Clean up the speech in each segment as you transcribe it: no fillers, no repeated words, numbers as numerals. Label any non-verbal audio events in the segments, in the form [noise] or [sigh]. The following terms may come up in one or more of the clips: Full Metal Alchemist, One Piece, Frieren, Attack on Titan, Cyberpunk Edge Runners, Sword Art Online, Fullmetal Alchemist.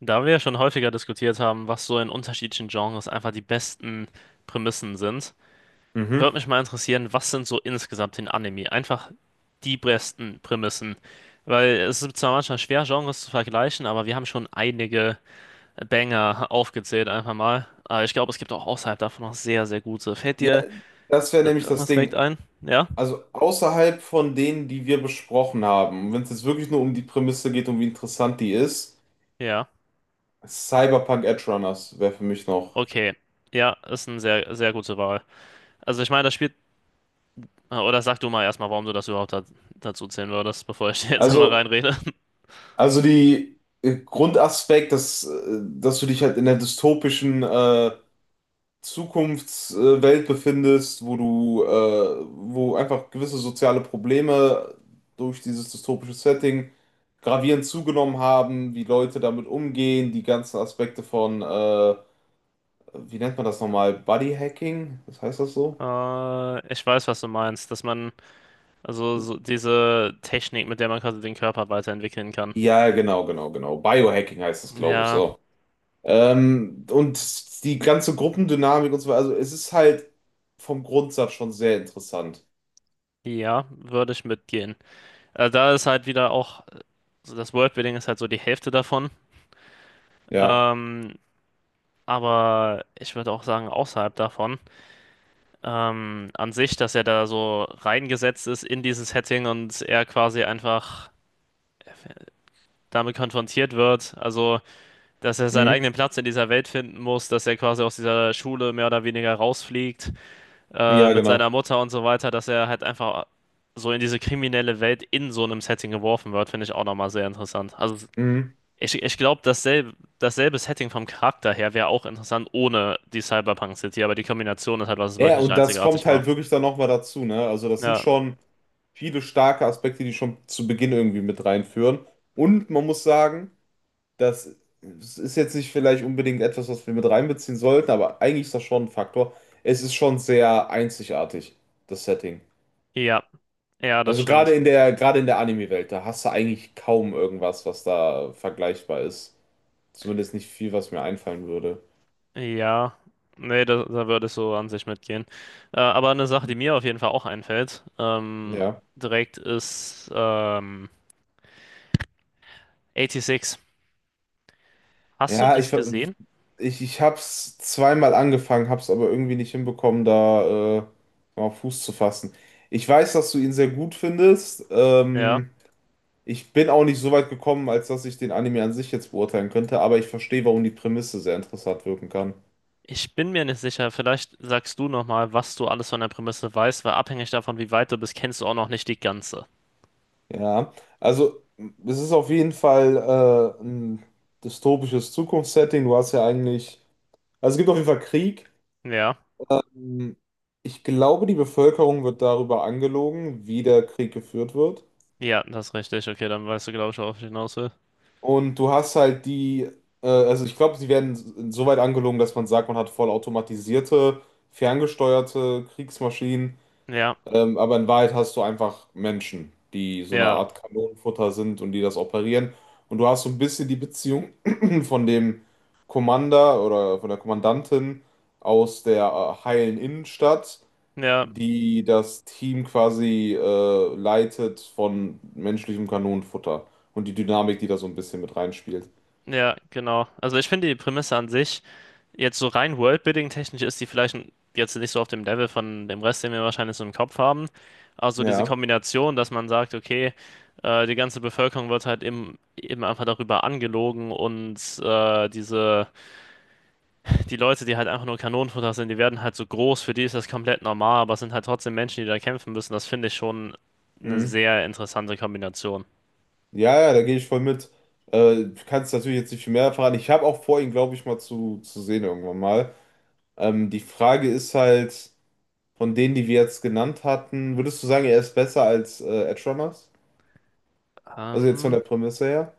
Da wir ja schon häufiger diskutiert haben, was so in unterschiedlichen Genres einfach die besten Prämissen sind, Mhm. würde mich mal interessieren, was sind so insgesamt in Anime einfach die besten Prämissen? Weil es ist zwar manchmal schwer, Genres zu vergleichen, aber wir haben schon einige Banger aufgezählt einfach mal. Aber ich glaube, es gibt auch außerhalb davon noch sehr, sehr gute. Fällt Ja, dir das wäre da nämlich das irgendwas direkt Ding. ein? Ja? Also außerhalb von denen, die wir besprochen haben, wenn es jetzt wirklich nur um die Prämisse geht und wie interessant die ist, Ja. Cyberpunk Edge Runners wäre für mich noch. Okay. Ja, ist eine sehr, sehr gute Wahl. Also ich meine, das spielt. Oder sag du mal erstmal, warum du das überhaupt da dazu zählen würdest, bevor ich [laughs] jetzt einmal Also, reinrede. also die Grundaspekt, dass du dich halt in der dystopischen Zukunftswelt befindest, wo einfach gewisse soziale Probleme durch dieses dystopische Setting gravierend zugenommen haben, wie Leute damit umgehen, die ganzen Aspekte von, wie nennt man das nochmal? Bodyhacking? Was heißt das so? Ich weiß, was du meinst, dass man, also so diese Technik, mit der man quasi den Körper weiterentwickeln kann. Ja, genau, genau, genau. Biohacking heißt das, glaube ich, Ja, so. Und die ganze Gruppendynamik und so weiter. Also es ist halt vom Grundsatz schon sehr interessant. ja, würde ich mitgehen. Da ist halt wieder auch, also das Worldbuilding ist halt so die Hälfte davon. Ja. Ähm, aber ich würde auch sagen, außerhalb davon, an sich, dass er da so reingesetzt ist in dieses Setting und er quasi einfach damit konfrontiert wird. Also, dass er seinen Mhm. eigenen Platz in dieser Welt finden muss, dass er quasi aus dieser Schule mehr oder weniger rausfliegt, Ja, mit seiner genau. Mutter und so weiter, dass er halt einfach so in diese kriminelle Welt in so einem Setting geworfen wird, finde ich auch nochmal sehr interessant. Also Mhm. ich glaube, dasselbe Setting vom Charakter her wäre auch interessant ohne die Cyberpunk City, aber die Kombination ist halt, was es Ja, ja, wirklich und das einzigartig kommt halt macht. wirklich dann nochmal dazu, ne? Also das sind Ja, schon viele starke Aspekte, die schon zu Beginn irgendwie mit reinführen. Und man muss sagen, das ist jetzt nicht vielleicht unbedingt etwas, was wir mit reinbeziehen sollten, aber eigentlich ist das schon ein Faktor. Es ist schon sehr einzigartig, das Setting. ja, ja, das Also gerade stimmt. in der, gerade in der Anime-Welt, da hast du eigentlich kaum irgendwas, was da vergleichbar ist. Zumindest nicht viel, was mir einfallen würde. Ja, nee, da würde ich so an sich mitgehen. Aber eine Sache, die mir auf jeden Fall auch einfällt, Ja. direkt ist 86. Hast du Ja, ich, das ver- gesehen? ich hab's zweimal angefangen, hab's aber irgendwie nicht hinbekommen, da mal Fuß zu fassen. Ich weiß, dass du ihn sehr gut findest. Ja. Ich bin auch nicht so weit gekommen, als dass ich den Anime an sich jetzt beurteilen könnte, aber ich verstehe, warum die Prämisse sehr interessant wirken kann. Ich bin mir nicht sicher. Vielleicht sagst du nochmal, was du alles von der Prämisse weißt, weil abhängig davon, wie weit du bist, kennst du auch noch nicht die ganze. Ja, also es ist auf jeden Fall ein dystopisches Zukunftssetting. Du hast ja eigentlich, Also es gibt auf jeden Fall Krieg. Ja. Ähm, Ich glaube, die Bevölkerung wird darüber angelogen, wie der Krieg geführt wird. Ja, das ist richtig. Okay, dann weißt du, glaube ich, worauf ich hinaus will. Und du hast halt die, also ich glaube, sie werden so weit angelogen, dass man sagt, man hat vollautomatisierte, ferngesteuerte Kriegsmaschinen. Ja, Aber in Wahrheit hast du einfach Menschen, die so eine ja, Art Kanonenfutter sind und die das operieren. Und du hast so ein bisschen die Beziehung [clears throat] von dem Commander oder von der Kommandantin aus der heilen Innenstadt ja, die das Team quasi leitet von menschlichem Kanonenfutter und die Dynamik, die da so ein bisschen mit reinspielt. ja, genau. Also ich finde die Prämisse an sich. Jetzt so rein Worldbuilding-technisch ist die vielleicht jetzt nicht so auf dem Level von dem Rest, den wir wahrscheinlich so im Kopf haben. Also diese Ja, Kombination, dass man sagt, okay, die ganze Bevölkerung wird halt eben einfach darüber angelogen und diese, die Leute, die halt einfach nur Kanonenfutter sind, die werden halt so groß, für die ist das komplett normal, aber es sind halt trotzdem Menschen, die da kämpfen müssen. Das finde ich schon eine mhm. sehr interessante Kombination. Ja, ja, da gehe ich voll mit. Du kannst natürlich jetzt nicht viel mehr verraten. Ich habe auch vor, ihn, glaube ich, mal zu sehen irgendwann mal. Die Frage ist halt, von denen, die wir jetzt genannt hatten, würdest du sagen, er ist besser als Edge Runners? Also jetzt von Ähm, der Prämisse her?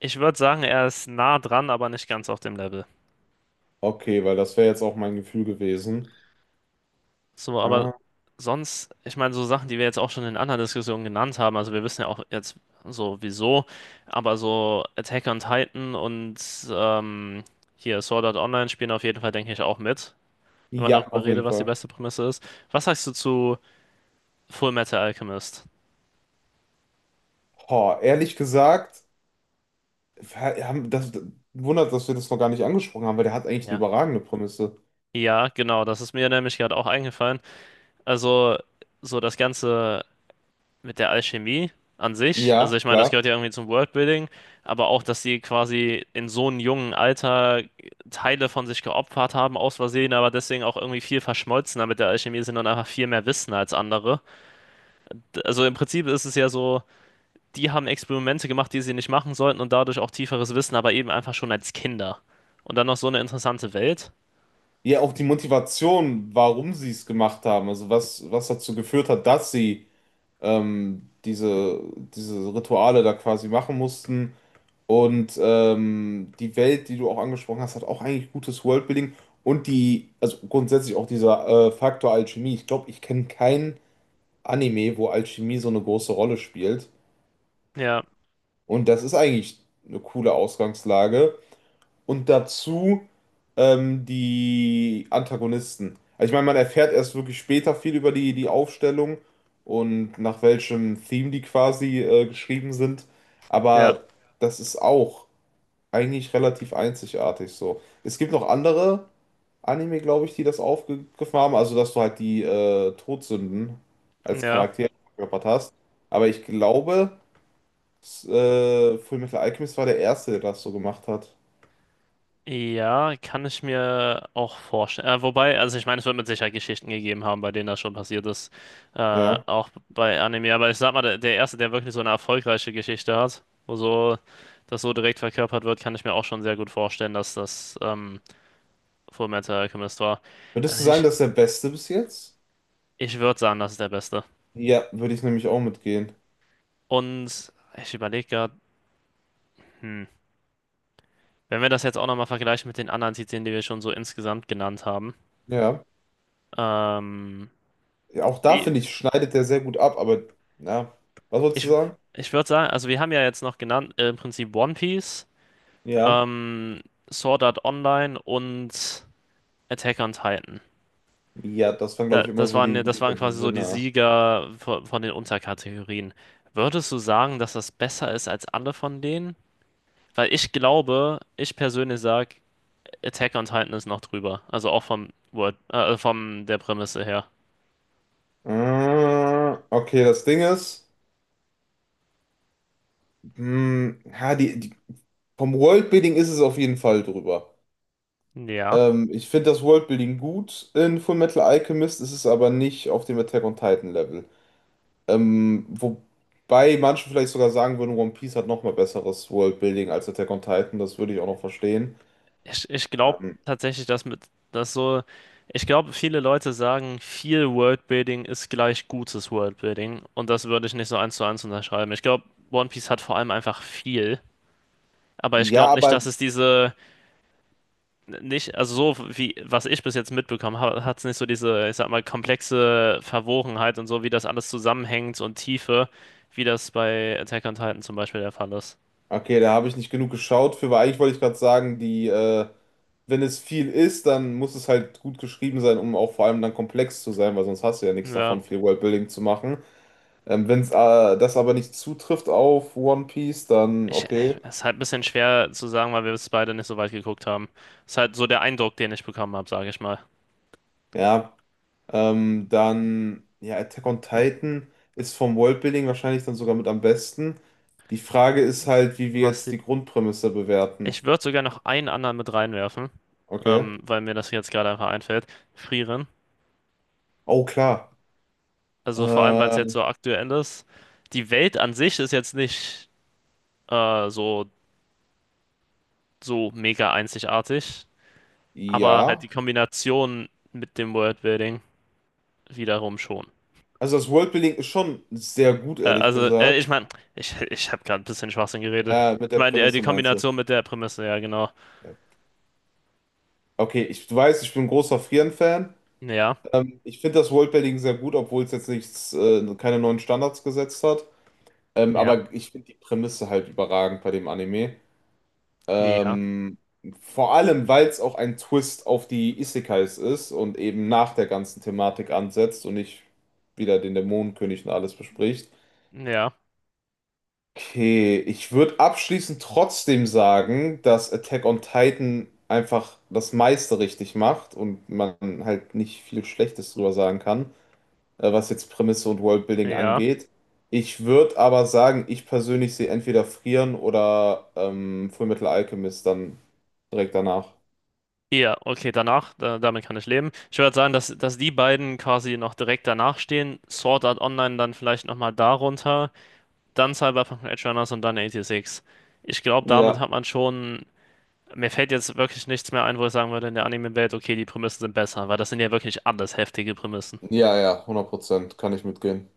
Ich würde sagen, er ist nah dran, aber nicht ganz auf dem Level. Okay, weil das wäre jetzt auch mein Gefühl gewesen. So, aber Ah, sonst, ich meine, so Sachen, die wir jetzt auch schon in anderen Diskussionen genannt haben, also wir wissen ja auch jetzt so wieso, aber so Attack on Titan und ähm, hier Sword Art Online spielen auf jeden Fall, denke ich, auch mit, wenn man ja, darüber auf redet, jeden was die Fall. beste Prämisse ist. Was sagst du zu Full Metal Alchemist? Boah, ehrlich gesagt. Wir haben das, wundert, dass wir das noch gar nicht angesprochen haben, weil der hat eigentlich eine Ja. überragende Prämisse. Ja, genau, das ist mir nämlich gerade auch eingefallen. Also, so das ganze mit der Alchemie an sich. Ja, Also ich meine, das klar. gehört ja irgendwie zum Worldbuilding, aber auch, dass sie quasi in so einem jungen Alter Teile von sich geopfert haben, aus Versehen, aber deswegen auch irgendwie viel verschmolzener mit der Alchemie sind und einfach viel mehr wissen als andere. Also im Prinzip ist es ja so, die haben Experimente gemacht, die sie nicht machen sollten und dadurch auch tieferes Wissen, aber eben einfach schon als Kinder. Und dann noch so eine interessante Welt. Ja, auch die Motivation, warum sie es gemacht haben, also was dazu geführt hat, dass sie ähm, diese, diese Rituale da quasi machen mussten. Und die Welt, die du auch angesprochen hast, hat auch eigentlich gutes Worldbuilding. Und also grundsätzlich auch dieser Faktor Alchemie. Ich glaube, ich kenne keinen Anime, wo Alchemie so eine große Rolle spielt. Ja, Und das ist eigentlich eine coole Ausgangslage. Und dazu die Antagonisten. Also ich meine, man erfährt erst wirklich später viel über die Aufstellung und nach welchem Theme die quasi geschrieben sind. ja, Aber das ist auch eigentlich relativ einzigartig so. Es gibt noch andere Anime, glaube ich, die das aufgegriffen haben. Also, dass du halt die Todsünden als ja. Charakter verkörpert hast. Aber ich glaube. Fullmetal Alchemist war der erste, der das so gemacht hat. Ja, kann ich mir auch vorstellen. Wobei, also ich meine, es wird mit Sicherheit Geschichten gegeben haben, bei denen das schon passiert ist. Ja. Auch bei Anime. Aber ich sag mal, der erste, der wirklich so eine erfolgreiche Geschichte hat, wo so das so direkt verkörpert wird, kann ich mir auch schon sehr gut vorstellen, dass das Fullmetal Alchemist war. Würdest Also du sagen, ich, das ist der beste bis jetzt? ich würde sagen, das ist der beste. Ja, würde ich nämlich auch mitgehen. Und ich überlege gerade, hm, wenn wir das jetzt auch nochmal vergleichen mit den anderen Titeln, die wir schon so insgesamt genannt haben, Ja. ähm, Auch da Be- finde ich, schneidet der sehr gut ab, aber na, was wolltest du Ich, sagen? ich würde sagen, also wir haben ja jetzt noch genannt, im Prinzip One Piece, Ja. ähm, Sword Art Online und Attack on Titan. Ja, das waren, Da, glaube ich, immer das so waren, ja- das die waren quasi so die Gewinner. Sieger von den Unterkategorien. Würdest du sagen, dass das besser ist als alle von denen? Weil ich glaube, ich persönlich sage, Attack on Titan ist noch drüber. Also auch vom der Prämisse her. Okay, das Ding ist, mh, ha, die, die, vom Worldbuilding ist es auf jeden Fall drüber. Ja. Ich finde das Worldbuilding gut in Fullmetal Alchemist, es ist aber nicht auf dem Attack on Titan Level. Wobei manche vielleicht sogar sagen würden, One Piece hat nochmal besseres Worldbuilding als Attack on Titan, das würde ich auch noch verstehen. Ich glaube Ähm, tatsächlich, dass mit das so, ich glaube, viele Leute sagen, viel Worldbuilding ist gleich gutes Worldbuilding und das würde ich nicht so eins zu eins unterschreiben. Ich glaube, One Piece hat vor allem einfach viel, aber ich ja, glaube nicht, aber dass es diese nicht, also so wie was ich bis jetzt mitbekommen habe, hat es nicht so diese, ich sag mal, komplexe Verwogenheit und so, wie das alles zusammenhängt und Tiefe, wie das bei Attack on Titan zum Beispiel der Fall ist. okay, da habe ich nicht genug geschaut für, weil eigentlich wollte ich gerade sagen, wenn es viel ist, dann muss es halt gut geschrieben sein, um auch vor allem dann komplex zu sein, weil sonst hast du ja nichts Ja. davon, viel Worldbuilding zu machen. Wenn es das aber nicht zutrifft auf One Piece, dann Ich, äh, okay. Es ist halt ein bisschen schwer zu sagen, weil wir es beide nicht so weit geguckt haben. Ist halt so der Eindruck, den ich bekommen habe, sage ich mal. Ja, dann, ja, Attack on Okay. Titan ist vom Worldbuilding wahrscheinlich dann sogar mit am besten. Die Frage ist halt, wie wir Was jetzt die, die Grundprämisse bewerten. Ich würde sogar noch einen anderen mit reinwerfen, Okay. Weil mir das jetzt gerade einfach einfällt. Frieren. Oh, klar. Also vor allem, weil es jetzt Äh, so aktuell ist. Die Welt an sich ist jetzt nicht so, so mega einzigartig, aber halt die ja. Kombination mit dem Worldbuilding wiederum schon. Also das Worldbuilding ist schon sehr gut, ehrlich Ich gesagt. meine, ich habe gerade ein bisschen Schwachsinn geredet. Ja, mit Ich der meine, die Prämisse meinst du. Kombination mit der Prämisse, ja, genau. Ja. Okay, ich, du weißt, ich bin ein großer Frieren-Fan. Ja, Ich finde das Worldbuilding sehr gut, obwohl es jetzt nichts, keine neuen Standards gesetzt hat. Ja, Aber ich finde die Prämisse halt überragend bei dem Anime. ja, Ähm, vor allem, weil es auch ein Twist auf die Isekais ist und eben nach der ganzen Thematik ansetzt und nicht wieder den Dämonenkönig und alles bespricht. ja, Okay, ich würde abschließend trotzdem sagen, dass Attack on Titan einfach das meiste richtig macht und man halt nicht viel Schlechtes drüber sagen kann, was jetzt Prämisse und Worldbuilding ja. angeht. Ich würde aber sagen, ich persönlich sehe entweder Frieren oder Fullmetal Alchemist dann direkt danach. Ja, okay, danach, damit kann ich leben. Ich würde sagen, dass die beiden quasi noch direkt danach stehen. Sword Art Online dann vielleicht nochmal darunter, dann Cyberpunk Edge Runners und dann 86. Ich glaube, damit Ja, hat man schon. Mir fällt jetzt wirklich nichts mehr ein, wo ich sagen würde, in der Anime-Welt, okay, die Prämissen sind besser, weil das sind ja wirklich alles heftige Prämissen. ja, ja, 100% kann ich mitgehen.